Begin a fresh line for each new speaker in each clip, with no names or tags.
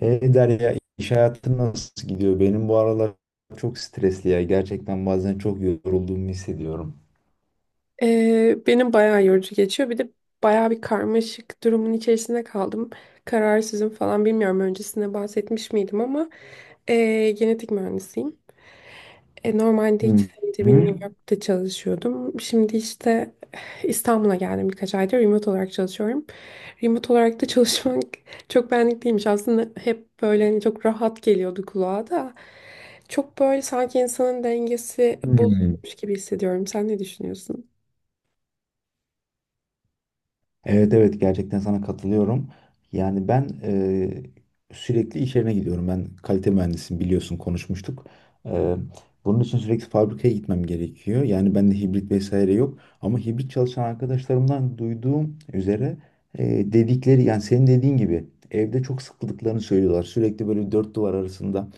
Derya, iş hayatı nasıl gidiyor? Benim bu aralar çok stresli ya. Gerçekten bazen çok yorulduğumu hissediyorum.
Benim bayağı yorucu geçiyor. Bir de bayağı bir karmaşık durumun içerisinde kaldım. Kararsızım falan bilmiyorum. Öncesinde bahsetmiş miydim ama genetik mühendisiyim. Normalde iki
Hı
senedir benim
hı.
New York'ta çalışıyordum. Şimdi işte İstanbul'a geldim birkaç aydır. Remote olarak çalışıyorum. Remote olarak da çalışmak çok benlik değilmiş. Aslında hep böyle hani çok rahat geliyordu kulağa da. Çok böyle sanki insanın dengesi
Hı.
bozulmuş gibi hissediyorum. Sen ne düşünüyorsun?
Evet, evet, gerçekten sana katılıyorum. Yani ben sürekli iş yerine gidiyorum. Ben kalite mühendisiyim, biliyorsun, konuşmuştuk. Eee, Bunun için sürekli fabrikaya gitmem gerekiyor. Yani bende hibrit vesaire yok. Ama hibrit çalışan arkadaşlarımdan duyduğum üzere, dedikleri, yani senin dediğin gibi, evde çok sıkıldıklarını söylüyorlar. Sürekli böyle dört duvar arasında,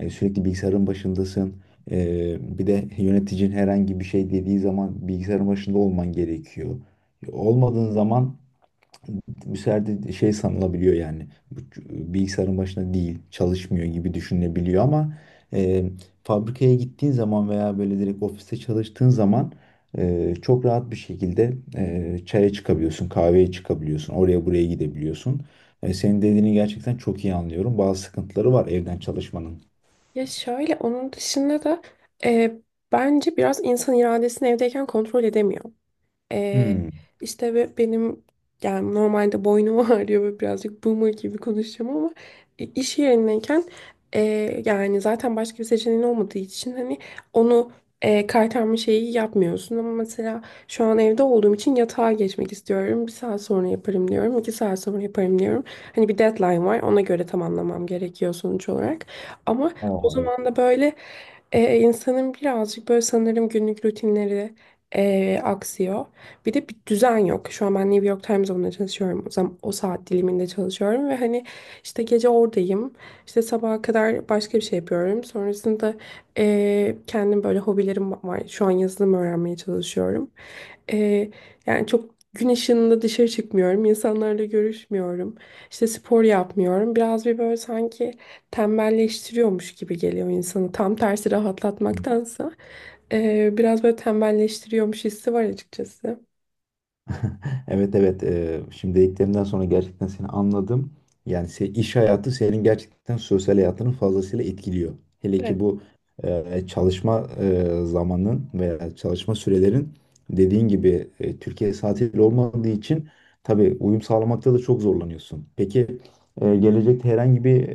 sürekli bilgisayarın başındasın. Bir de yöneticin herhangi bir şey dediği zaman bilgisayarın başında olman gerekiyor. Olmadığın zaman bu serde şey sanılabiliyor, yani bu bilgisayarın başına değil, çalışmıyor gibi düşünebiliyor ama e, fabrikaya gittiğin zaman veya böyle demek ofiste çalıştığın zaman çok rahat bir şekilde çare çıkabiliyorsun, kahveye çıkabiliyorsun, oraya buraya gidebiliyorsun. Senin dediğini gerçekten çok iyi anlıyorum, bazı sıkıntıları var evden çalışmanın.
Ya şöyle onun dışında da e, bence biraz insan iradesini evdeyken kontrol edemiyor. Ee, işte ve benim yani normalde boynum ağrıyor ve birazcık boomer gibi konuşacağım ama iş yerindeyken e, yani zaten başka bir seçeneğin olmadığı için hani onu kaytarma şeyi yapmıyorsun ama mesela şu an evde olduğum için yatağa geçmek istiyorum. Bir saat sonra yaparım diyorum. 2 saat sonra yaparım diyorum. Hani bir deadline var. Ona göre tamamlamam gerekiyor sonuç olarak. Ama o
O, evet.
zaman da böyle insanın birazcık böyle sanırım günlük rutinleri aksıyor. Bir de bir düzen yok. Şu an ben New York Times'da buna çalışıyorum. O zaman o saat diliminde çalışıyorum ve hani işte gece oradayım. İşte sabaha kadar başka bir şey yapıyorum. Sonrasında kendim böyle hobilerim var. Şu an yazılım öğrenmeye çalışıyorum. Eee, Yani çok gün ışığında dışarı çıkmıyorum. İnsanlarla görüşmüyorum. İşte spor yapmıyorum. Biraz bir böyle sanki tembelleştiriyormuş gibi geliyor insanı. Tam tersi rahatlatmaktansa. Biraz böyle tembelleştiriyormuş hissi var açıkçası.
Evet, evet. Şimdi dediklerimden sonra gerçekten seni anladım. Yani iş hayatı senin gerçekten sosyal hayatını fazlasıyla etkiliyor. Hele ki
Evet,
bu çalışma zamanın veya çalışma sürelerin, dediğin gibi, Türkiye saatiyle olmadığı için tabii uyum sağlamakta da çok zorlanıyorsun. Peki gelecekte herhangi bir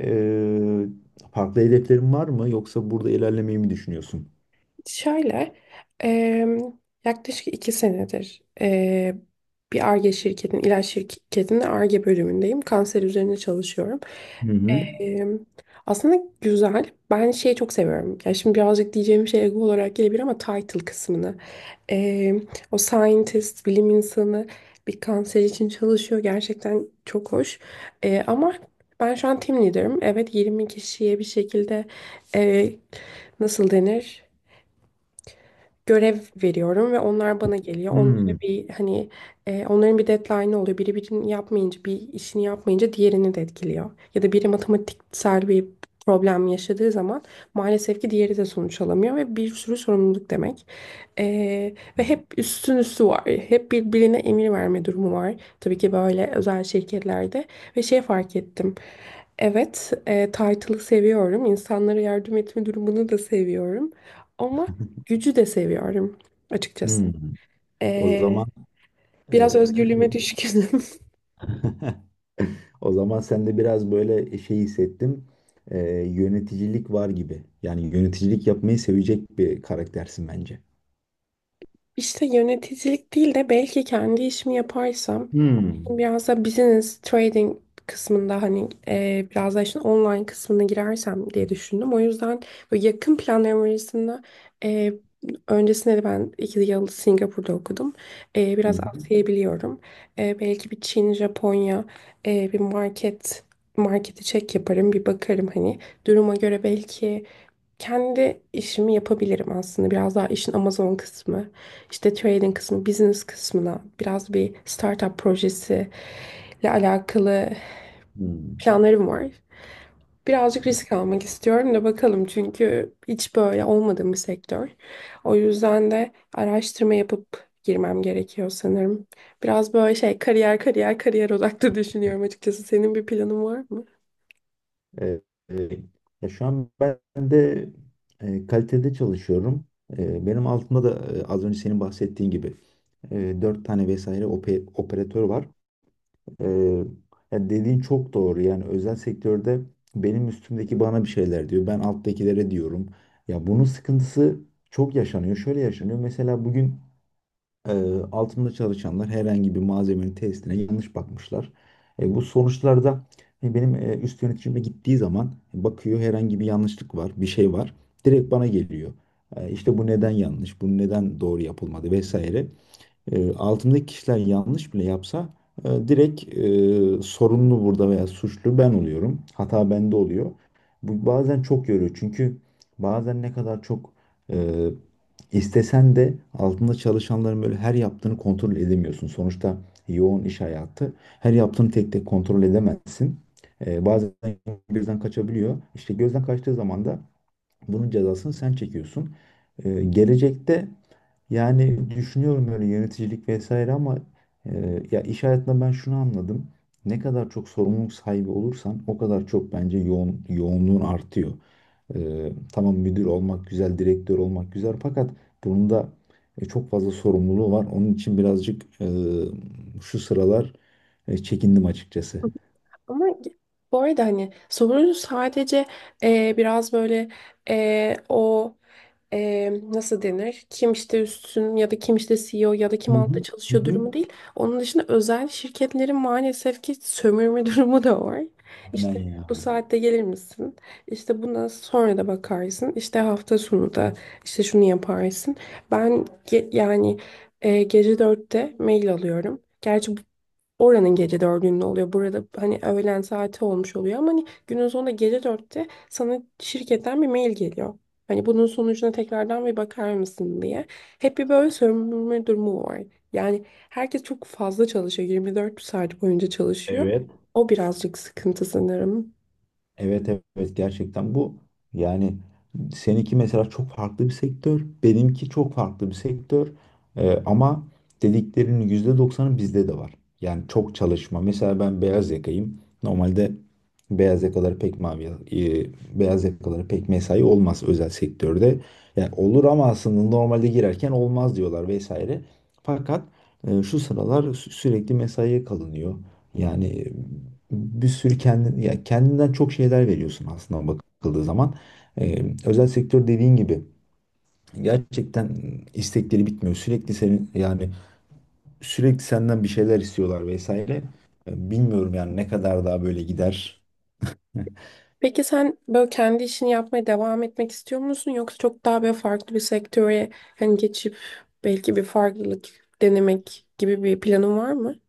farklı hedeflerin var mı, yoksa burada ilerlemeyi mi düşünüyorsun?
şöyle em, yaklaşık 2 senedir bir Ar-Ge şirketin ilaç şirketinin Ar-Ge bölümündeyim. Kanser üzerine çalışıyorum.
Hı hı.
Em, Aslında güzel. Ben şeyi çok seviyorum. Ya şimdi birazcık diyeceğim şey ego olarak gelebilir ama title kısmını. Em, O scientist, bilim insanı bir kanser için çalışıyor. Gerçekten çok hoş. Ama ben şu an team leader'ım. Evet, 20 kişiye bir şekilde e, nasıl denir? Görev veriyorum ve onlar bana geliyor. Onlara
Hmm.
bir hani onların bir deadline'ı oluyor. Biri birini yapmayınca bir işini yapmayınca diğerini de etkiliyor. Ya da biri matematiksel bir problem yaşadığı zaman maalesef ki diğeri de sonuç alamıyor ve bir sürü sorumluluk demek. E, Ve hep üstün üstü var. Hep birbirine emir verme durumu var. Tabii ki böyle özel şirketlerde ve şey fark ettim. Evet, title'ı seviyorum. İnsanlara yardım etme durumunu da seviyorum. Ama gücü de seviyorum açıkçası.
Hmm. O
Ee,
zaman e,
Biraz özgürlüğüme düşkünüm.
o zaman sen de biraz böyle şey hissettim. Ee, Yöneticilik var gibi. Yani yöneticilik yapmayı sevecek bir karaktersin bence.
İşte yöneticilik değil de belki kendi işimi yaparsam
Hmm.
biraz da business trading kısmında hani biraz da işin online kısmına girersem diye düşündüm. O yüzden böyle yakın planlarım arasında e, öncesinde de ben 2 yıl Singapur'da okudum.
Hı
Biraz
hı.
Asya'yı biliyorum. Belki bir Çin, Japonya, bir market marketi çek yaparım bir bakarım hani duruma göre belki kendi işimi yapabilirim aslında. Biraz daha işin Amazon kısmı, işte trading kısmı, business kısmına biraz bir startup projesi ile alakalı
Hmm.
planlarım var. Birazcık risk almak istiyorum da bakalım çünkü hiç böyle olmadığım bir sektör. O yüzden de araştırma yapıp girmem gerekiyor sanırım. Biraz böyle şey kariyer kariyer kariyer odaklı düşünüyorum açıkçası. Senin bir planın var mı?
Ee, e, Ya şu an ben de kalitede çalışıyorum. Benim altımda da, az önce senin bahsettiğin gibi, dört tane vesaire operatör var. Ee, Ya dediğin çok doğru. Yani özel sektörde benim üstümdeki bana bir şeyler diyor. Ben alttakilere diyorum. Ya bunun sıkıntısı çok yaşanıyor. Şöyle yaşanıyor. Mesela bugün e, altımda çalışanlar herhangi bir malzemenin testine yanlış bakmışlar. Bu sonuçlarda benim üst yöneticime gittiği zaman bakıyor, herhangi bir yanlışlık var, bir şey var. Direkt bana geliyor. İşte bu neden yanlış, bu neden doğru yapılmadı vesaire. Altımdaki kişiler yanlış bile yapsa, direkt, sorumlu burada veya suçlu ben oluyorum. Hata bende oluyor. Bu bazen çok yoruyor. Çünkü bazen ne kadar çok e, istesen de altında çalışanların böyle her yaptığını kontrol edemiyorsun. Sonuçta yoğun iş hayatı. Her yaptığını tek tek kontrol edemezsin. Bazen birden kaçabiliyor. İşte gözden kaçtığı zaman da bunun cezasını sen çekiyorsun. Gelecekte, yani, düşünüyorum böyle yöneticilik vesaire ama ya, iş hayatında ben şunu anladım. Ne kadar çok sorumluluk sahibi olursan o kadar çok, bence, yoğun, yoğunluğun artıyor. Tamam, müdür olmak güzel, direktör olmak güzel, fakat bunun da çok fazla sorumluluğu var. Onun için birazcık, şu sıralar, çekindim açıkçası.
Ama bu arada hani sorun sadece biraz böyle o nasıl denir? Kim işte üstün ya da kim işte CEO ya da kim
Hı
altta
hı. Hı
çalışıyor
hı.
durumu değil. Onun dışında özel şirketlerin maalesef ki sömürme durumu da var.
Aynen
İşte bu
ya.
saatte gelir misin? İşte bundan sonra da bakarsın. İşte hafta sonu da işte şunu yaparsın. Yani, gece dörtte mail alıyorum. Gerçi bu, oranın gece dördünde oluyor. Burada hani öğlen saati olmuş oluyor ama hani günün sonunda gece dörtte sana şirketten bir mail geliyor. Hani bunun sonucuna tekrardan bir bakar mısın diye. Hep bir böyle sömürme durumu var. Yani herkes çok fazla çalışıyor. 24 saat boyunca çalışıyor.
Evet.
O birazcık sıkıntı sanırım.
Evet, evet, gerçekten bu, yani, seninki mesela çok farklı bir sektör, benimki çok farklı bir sektör. Ama dediklerinin %90'ı bizde de var. Yani çok çalışma. Mesela ben beyaz yakayım. Normalde beyaz yakaları pek mavi, beyaz yakaları pek mesai olmaz özel sektörde. Yani olur ama aslında normalde girerken olmaz diyorlar vesaire. Fakat şu sıralar sürekli mesaiye kalınıyor. Yani bir sürü kendin, ya, kendinden çok şeyler veriyorsun aslında bakıldığı zaman. Özel sektör, dediğin gibi, gerçekten istekleri bitmiyor. Sürekli senin, yani, sürekli senden bir şeyler istiyorlar vesaire. Bilmiyorum yani, ne kadar daha böyle gider.
Peki sen böyle kendi işini yapmaya devam etmek istiyor musun yoksa çok daha böyle farklı bir sektöre hani geçip belki bir farklılık denemek gibi bir planın var mı?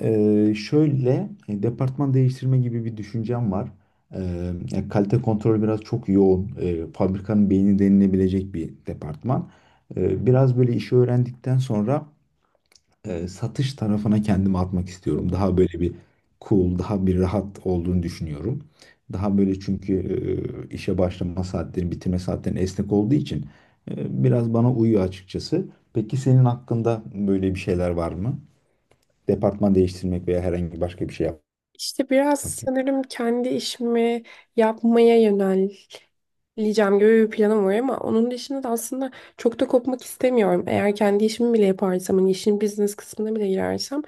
Şöyle, departman değiştirme gibi bir düşüncem var. Ya, kalite kontrol biraz çok yoğun. Fabrikanın beyni denilebilecek bir departman. Biraz böyle işi öğrendikten sonra satış tarafına kendimi atmak istiyorum. Daha böyle bir cool, daha bir rahat olduğunu düşünüyorum. Daha böyle, çünkü işe başlama saatleri, bitirme saatlerin esnek olduğu için biraz bana uyuyor açıkçası. Peki senin hakkında böyle bir şeyler var mı? Departman değiştirmek veya herhangi başka bir şey
İşte biraz
yapmak gibi.
sanırım kendi işimi yapmaya yöneleceğim gibi bir planım var ama onun dışında da aslında çok da kopmak istemiyorum. Eğer kendi işimi bile yaparsam, hani işin business kısmına bile girersem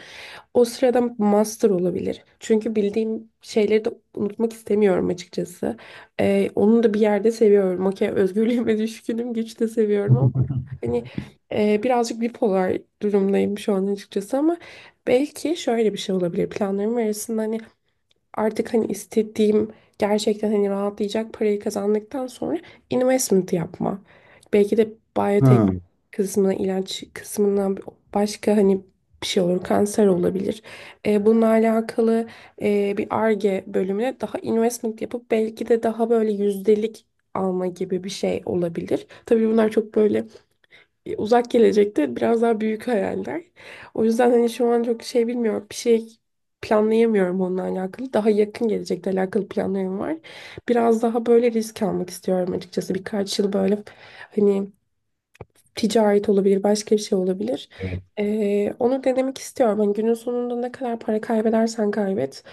o sırada master olabilir. Çünkü bildiğim şeyleri de unutmak istemiyorum açıkçası. Onu da bir yerde seviyorum. Okey, özgürlüğüme düşkünüm, güç de seviyorum ama hani birazcık bipolar durumdayım şu an açıkçası ama belki şöyle bir şey olabilir planlarım arasında hani artık hani istediğim gerçekten hani rahatlayacak parayı kazandıktan sonra investment yapma. Belki de biyotek
Ha,
kısmına, ilaç kısmına başka hani bir şey olur, kanser olabilir. Bununla alakalı bir Ar-Ge bölümüne daha investment yapıp belki de daha böyle yüzdelik alma gibi bir şey olabilir. Tabii bunlar çok böyle uzak gelecekte biraz daha büyük hayaller. O yüzden hani şu an çok şey bilmiyorum. Bir şey planlayamıyorum onunla alakalı. Daha yakın gelecekle alakalı planlarım var. Biraz daha böyle risk almak istiyorum açıkçası. Birkaç yıl böyle hani ticaret olabilir, başka bir şey olabilir.
evet,
Onu denemek istiyorum. Hani günün sonunda ne kadar para kaybedersen kaybet,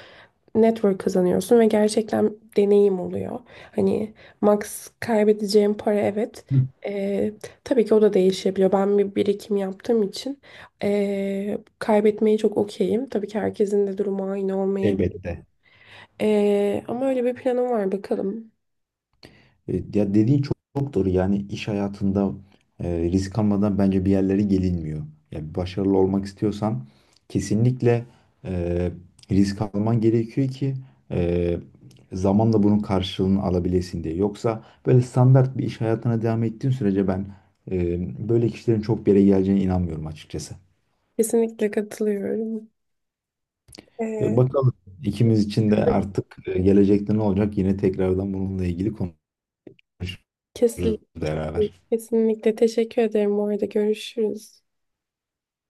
network kazanıyorsun ve gerçekten deneyim oluyor. Hani max kaybedeceğim para evet. Ee, tabii ki o da değişebiliyor. Ben bir birikim yaptığım için kaybetmeyi çok okeyim. Tabii ki herkesin de durumu aynı olmayabilir.
elbette.
Ama öyle bir planım var bakalım.
Ya, dediğin çok, çok doğru. Yani iş hayatında risk almadan, bence, bir yerlere gelinmiyor. Ya, başarılı olmak istiyorsan kesinlikle e, risk alman gerekiyor ki e, zamanla bunun karşılığını alabilesin diye. Yoksa böyle standart bir iş hayatına devam ettiğin sürece ben böyle kişilerin çok bir yere geleceğine inanmıyorum açıkçası.
Kesinlikle katılıyorum. Ee,
Bakalım ikimiz için de artık, gelecekte ne olacak? Yine tekrardan bununla ilgili konuşuruz
Kesinlikle.
beraber.
Kesinlikle teşekkür ederim. Bu arada görüşürüz.